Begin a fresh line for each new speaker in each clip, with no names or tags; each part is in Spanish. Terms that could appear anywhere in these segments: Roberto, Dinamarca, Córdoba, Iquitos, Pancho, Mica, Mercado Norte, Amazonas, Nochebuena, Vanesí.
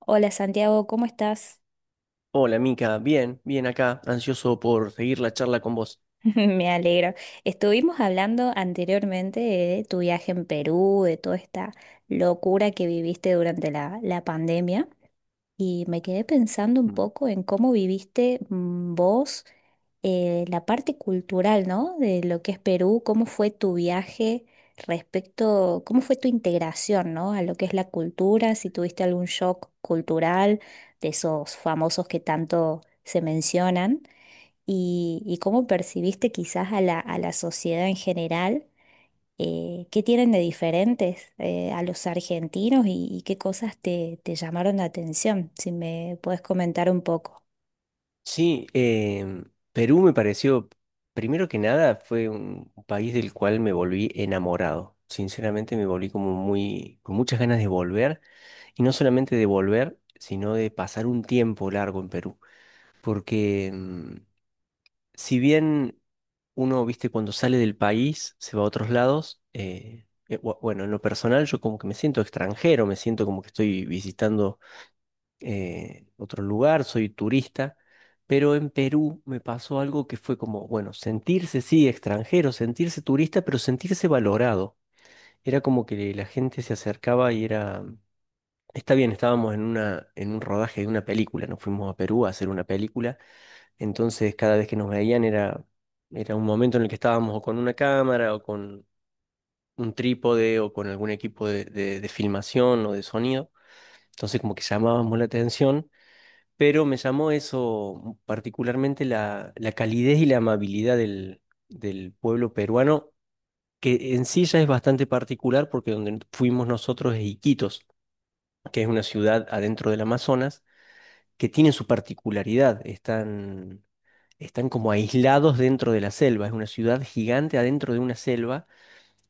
Hola, Santiago, ¿cómo estás?
Hola, Mica. Bien, bien acá, ansioso por seguir la charla con vos.
Me alegro. Estuvimos hablando anteriormente de tu viaje en Perú, de toda esta locura que viviste durante la pandemia, y me quedé pensando un
Mm.
poco en cómo viviste vos, la parte cultural, ¿no? De lo que es Perú, cómo fue tu viaje respecto, cómo fue tu integración, ¿no? A lo que es la cultura, si tuviste algún shock cultural de esos famosos que tanto se mencionan. Y cómo percibiste quizás a la sociedad en general, qué tienen de diferentes, a los argentinos, y qué cosas te llamaron la atención, si me puedes comentar un poco.
Sí, Perú me pareció, primero que nada, fue un país del cual me volví enamorado. Sinceramente me volví como muy, con muchas ganas de volver, y no solamente de volver, sino de pasar un tiempo largo en Perú. Porque si bien uno, viste, cuando sale del país, se va a otros lados, bueno, en lo personal yo como que me siento extranjero, me siento como que estoy visitando otro lugar, soy turista, pero en Perú me pasó algo que fue como, bueno, sentirse, sí, extranjero, sentirse turista, pero sentirse valorado. Era como que la gente se acercaba y era, está bien, estábamos en una, en un rodaje de una película, nos fuimos a Perú a hacer una película, entonces cada vez que nos veían era, era un momento en el que estábamos o con una cámara o con un trípode o con algún equipo de filmación o de sonido, entonces como que llamábamos la atención, pero me llamó eso particularmente la, la calidez y la amabilidad del, del pueblo peruano, que en sí ya es bastante particular porque donde fuimos nosotros es Iquitos, que es una ciudad adentro del Amazonas, que tiene su particularidad, están, están como aislados dentro de la selva, es una ciudad gigante adentro de una selva,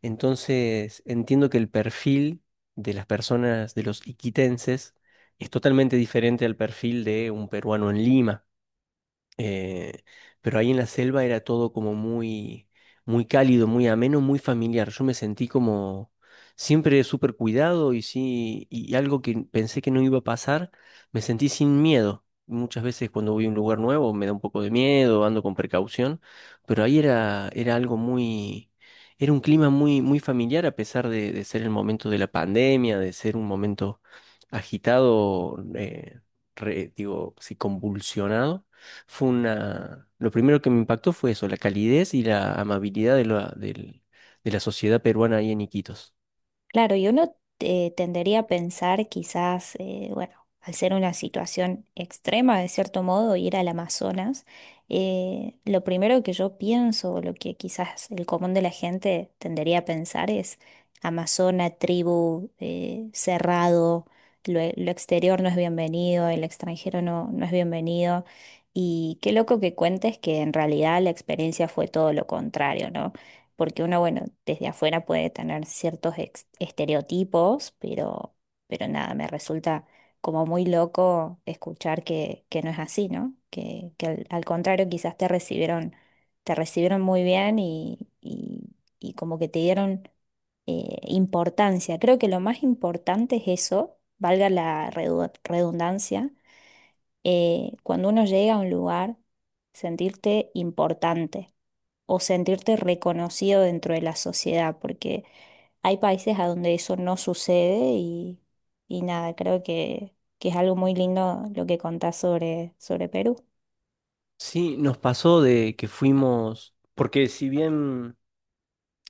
entonces entiendo que el perfil de las personas, de los iquitenses, es totalmente diferente al perfil de un peruano en Lima. Eh, pero ahí en la selva era todo como muy, muy cálido, muy ameno, muy familiar. Yo me sentí como siempre súper cuidado y sí, y algo que pensé que no iba a pasar, me sentí sin miedo. Muchas veces cuando voy a un lugar nuevo me da un poco de miedo, ando con precaución, pero ahí era, era algo muy, era un clima muy, muy familiar a pesar de ser el momento de la pandemia, de ser un momento agitado, digo, sí, convulsionado, fue una... Lo primero que me impactó fue eso, la calidez y la amabilidad de la, de la sociedad peruana ahí en Iquitos.
Claro, y uno, tendería a pensar quizás, bueno, al ser una situación extrema, de cierto modo, ir al Amazonas, lo primero que yo pienso, o lo que quizás el común de la gente tendería a pensar es Amazona, tribu, cerrado, lo, lo exterior no es bienvenido, el extranjero no es bienvenido. Y qué loco que cuentes que en realidad la experiencia fue todo lo contrario, ¿no? Porque uno, bueno, desde afuera puede tener ciertos estereotipos, pero nada, me resulta como muy loco escuchar que no es así, ¿no? Que al, al contrario, quizás te recibieron muy bien y como que te dieron, importancia. Creo que lo más importante es eso, valga la redundancia, cuando uno llega a un lugar, sentirte importante o sentirte reconocido dentro de la sociedad, porque hay países a donde eso no sucede y nada, creo que es algo muy lindo lo que contás sobre, sobre Perú.
Sí, nos pasó de que fuimos, porque si bien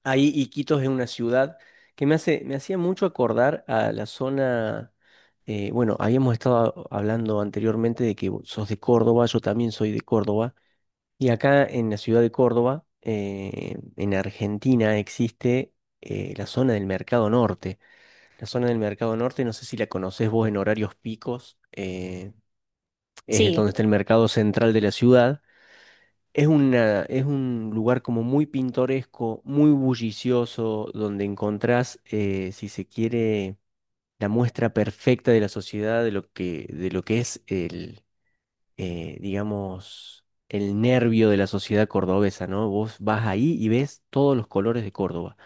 ahí Iquitos es una ciudad que me hace, me hacía mucho acordar a la zona, bueno, habíamos estado hablando anteriormente de que vos sos de Córdoba, yo también soy de Córdoba, y acá en la ciudad de Córdoba, en Argentina, existe, la zona del Mercado Norte, la zona del Mercado Norte, no sé si la conocés vos en horarios picos, es
Sí,
donde está el mercado central de la ciudad. Es una, es un lugar como muy pintoresco, muy bullicioso, donde encontrás, si se quiere, la muestra perfecta de la sociedad, de lo que es el, digamos, el nervio de la sociedad cordobesa, ¿no? Vos vas ahí y ves todos los colores de Córdoba.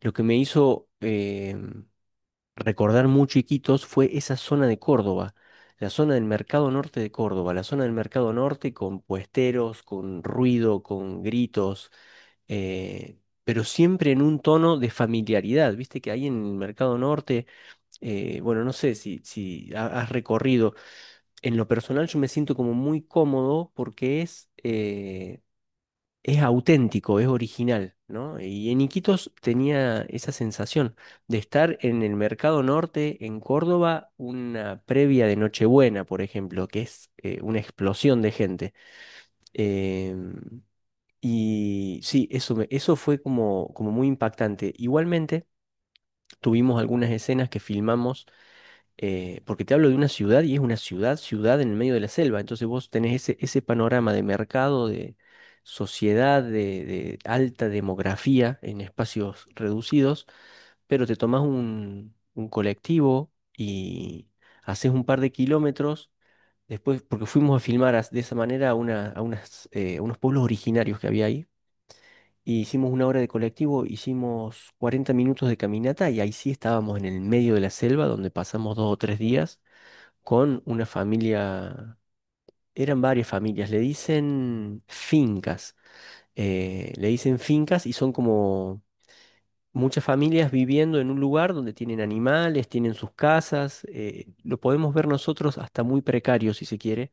Lo que me hizo... recordar muy chiquitos fue esa zona de Córdoba, la zona del Mercado Norte de Córdoba, la zona del Mercado Norte con puesteros, con ruido, con gritos, pero siempre en un tono de familiaridad. Viste que ahí en el Mercado Norte, bueno, no sé si, has recorrido, en lo personal yo me siento como muy cómodo porque es auténtico, es original, ¿no? Y en Iquitos tenía esa sensación de estar en el Mercado Norte, en Córdoba, una previa de Nochebuena, por ejemplo, que es, una explosión de gente. Em, y sí, eso, eso fue como, como muy impactante. Igualmente, tuvimos algunas escenas que filmamos, porque te hablo de una ciudad y es una ciudad, ciudad en el medio de la selva. Entonces vos tenés ese, ese panorama de mercado, de sociedad, de alta demografía en espacios reducidos, pero te tomás un colectivo y haces un par de kilómetros. Después, porque fuimos a filmar de esa manera a, a unas, a unos pueblos originarios que había ahí. Y hicimos una hora de colectivo, hicimos 40 minutos de caminata y ahí sí estábamos en el medio de la selva donde pasamos dos o tres días con una familia, eran varias familias, le dicen fincas y son como muchas familias viviendo en un lugar donde tienen animales, tienen sus casas, lo podemos ver nosotros hasta muy precario si se quiere,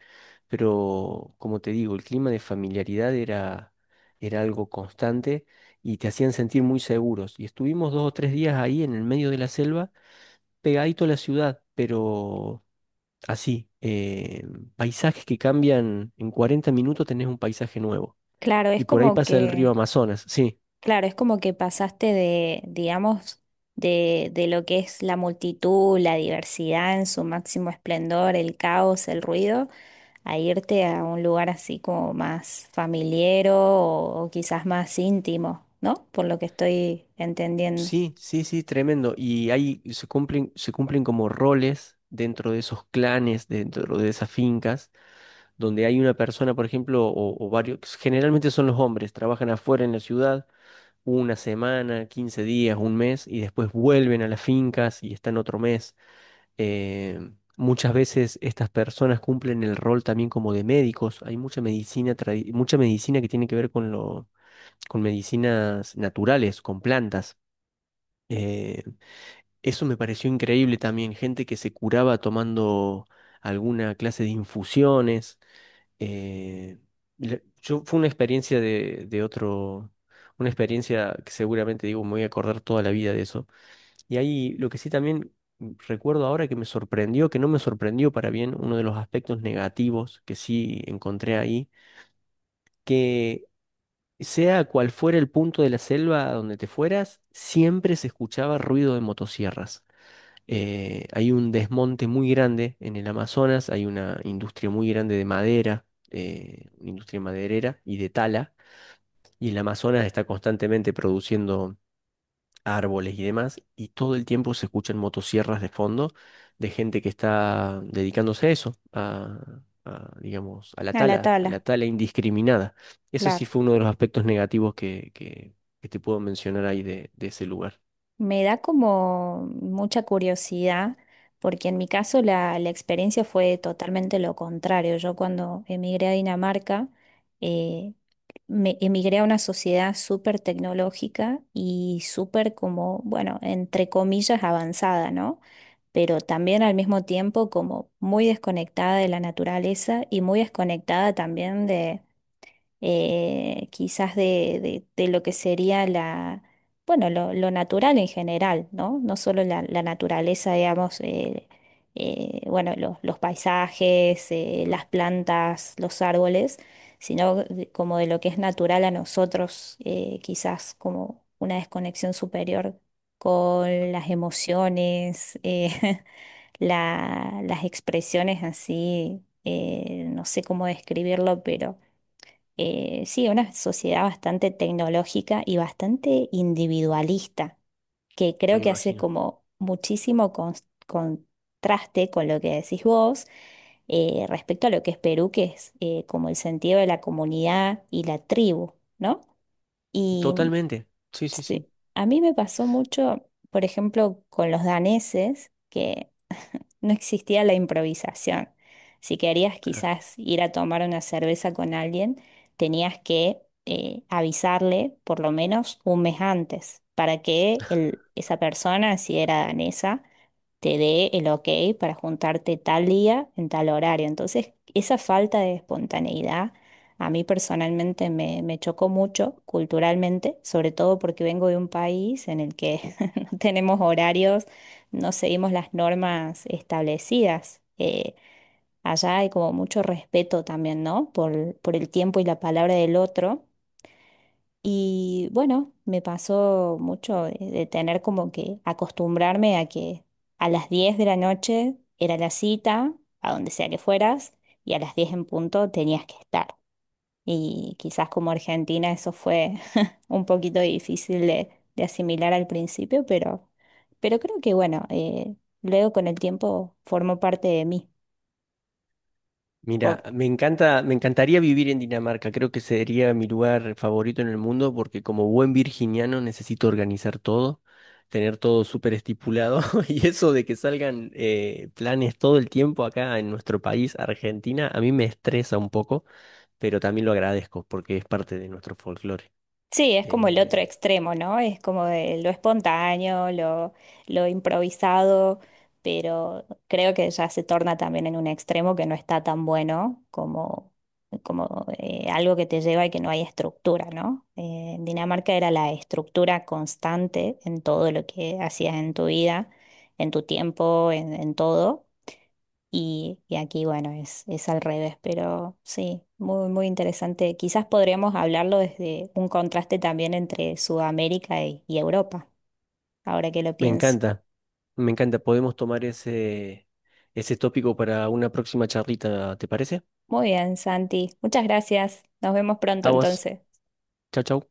pero como te digo, el clima de familiaridad era, era algo constante y te hacían sentir muy seguros. Y estuvimos dos o tres días ahí en el medio de la selva, pegadito a la ciudad, pero... Así, paisajes que cambian, en 40 minutos tenés un paisaje nuevo.
claro, es
Y por ahí
como
pasa el río
que,
Amazonas, sí.
claro, es como que pasaste de, digamos, de lo que es la multitud, la diversidad en su máximo esplendor, el caos, el ruido, a irte a un lugar así como más familiero o quizás más íntimo, ¿no? Por lo que estoy entendiendo.
Sí, sí, sí, tremendo. Y ahí se cumplen como roles dentro de esos clanes, dentro de esas fincas, donde hay una persona, por ejemplo, o varios, generalmente son los hombres, trabajan afuera en la ciudad una semana, 15 días, un mes, y después vuelven a las fincas y están otro mes. Eh, Muchas veces estas personas cumplen el rol también como de médicos. Hay mucha medicina, mucha medicina que tiene que ver con lo, con medicinas naturales, con plantas. Eh, Eso me pareció increíble también, gente que se curaba tomando alguna clase de infusiones. eh, yo, fue una experiencia de otro, una experiencia que seguramente digo, me voy a acordar toda la vida de eso. Y ahí lo que sí también recuerdo ahora que me sorprendió, que no me sorprendió para bien, uno de los aspectos negativos que sí encontré ahí, que sea cual fuera el punto de la selva a donde te fueras, siempre se escuchaba ruido de motosierras. Hay un desmonte muy grande en el Amazonas, hay una industria muy grande de madera, una industria maderera y de tala, y el Amazonas está constantemente produciendo árboles y demás, y todo el tiempo se escuchan motosierras de fondo de gente que está dedicándose a eso, a, digamos,
A la
a
tabla,
la tala indiscriminada. Eso sí
claro.
fue uno de los aspectos negativos que te puedo mencionar ahí de ese lugar.
Me da como mucha curiosidad, porque en mi caso la experiencia fue totalmente lo contrario. Yo cuando emigré a Dinamarca, eh, me emigré a una sociedad súper tecnológica y súper como, bueno, entre comillas, avanzada, ¿no? Pero también al mismo tiempo como muy desconectada de la naturaleza y muy desconectada también de, quizás de, de lo que sería la, bueno, lo natural en general, ¿no? No solo la naturaleza, digamos, bueno, los paisajes, las plantas, los árboles, sino como de lo que es natural a nosotros, quizás como una desconexión superior con las emociones. Las expresiones así, no sé cómo describirlo, pero, sí, una sociedad bastante tecnológica y bastante individualista, que
Me
creo que hace
imagino.
como muchísimo contraste con lo que decís vos, respecto a lo que es Perú, que es, como el sentido de la comunidad y la tribu, ¿no? Y
Totalmente, sí, sí, sí.
sí, a mí me pasó mucho, por ejemplo, con los daneses, que no existía la improvisación. Si querías
Claro.
quizás ir a tomar una cerveza con alguien, tenías que, avisarle por lo menos un mes antes para que esa persona, si era danesa, te dé el ok para juntarte tal día en tal horario. Entonces, esa falta de espontaneidad a mí personalmente me chocó mucho culturalmente, sobre todo porque vengo de un país en el que no tenemos horarios, no seguimos las normas establecidas. Allá hay como mucho respeto también, ¿no? Por el tiempo y la palabra del otro. Y bueno, me pasó mucho de tener como que acostumbrarme a que a las 10 de la noche era la cita, a donde sea que fueras, y a las 10 en punto tenías que estar. Y quizás como Argentina eso fue un poquito difícil de asimilar al principio, pero creo que bueno, luego con el tiempo formó parte de mí.
Mira, me encanta, me encantaría vivir en Dinamarca. Creo que sería mi lugar favorito en el mundo porque como buen virginiano necesito organizar todo, tener todo súper estipulado y eso de que salgan, planes todo el tiempo acá en nuestro país, Argentina, a mí me estresa un poco, pero también lo agradezco porque es parte de nuestro folclore.
Sí, es como el otro
Eh,
extremo, ¿no? Es como de lo espontáneo, lo improvisado, pero creo que ya se torna también en un extremo que no está tan bueno como, como, algo que te lleva y que no hay estructura, ¿no? En Dinamarca era la estructura constante en todo lo que hacías en tu vida, en tu tiempo, en todo. Y aquí, bueno, es al revés, pero sí, muy, muy interesante. Quizás podríamos hablarlo desde un contraste también entre Sudamérica y Europa, ahora que lo
Me
pienso.
encanta, me encanta. Podemos tomar ese, ese tópico para una próxima charlita, ¿te parece?
Muy bien, Santi. Muchas gracias. Nos vemos pronto
Aguas,
entonces.
chau, chau.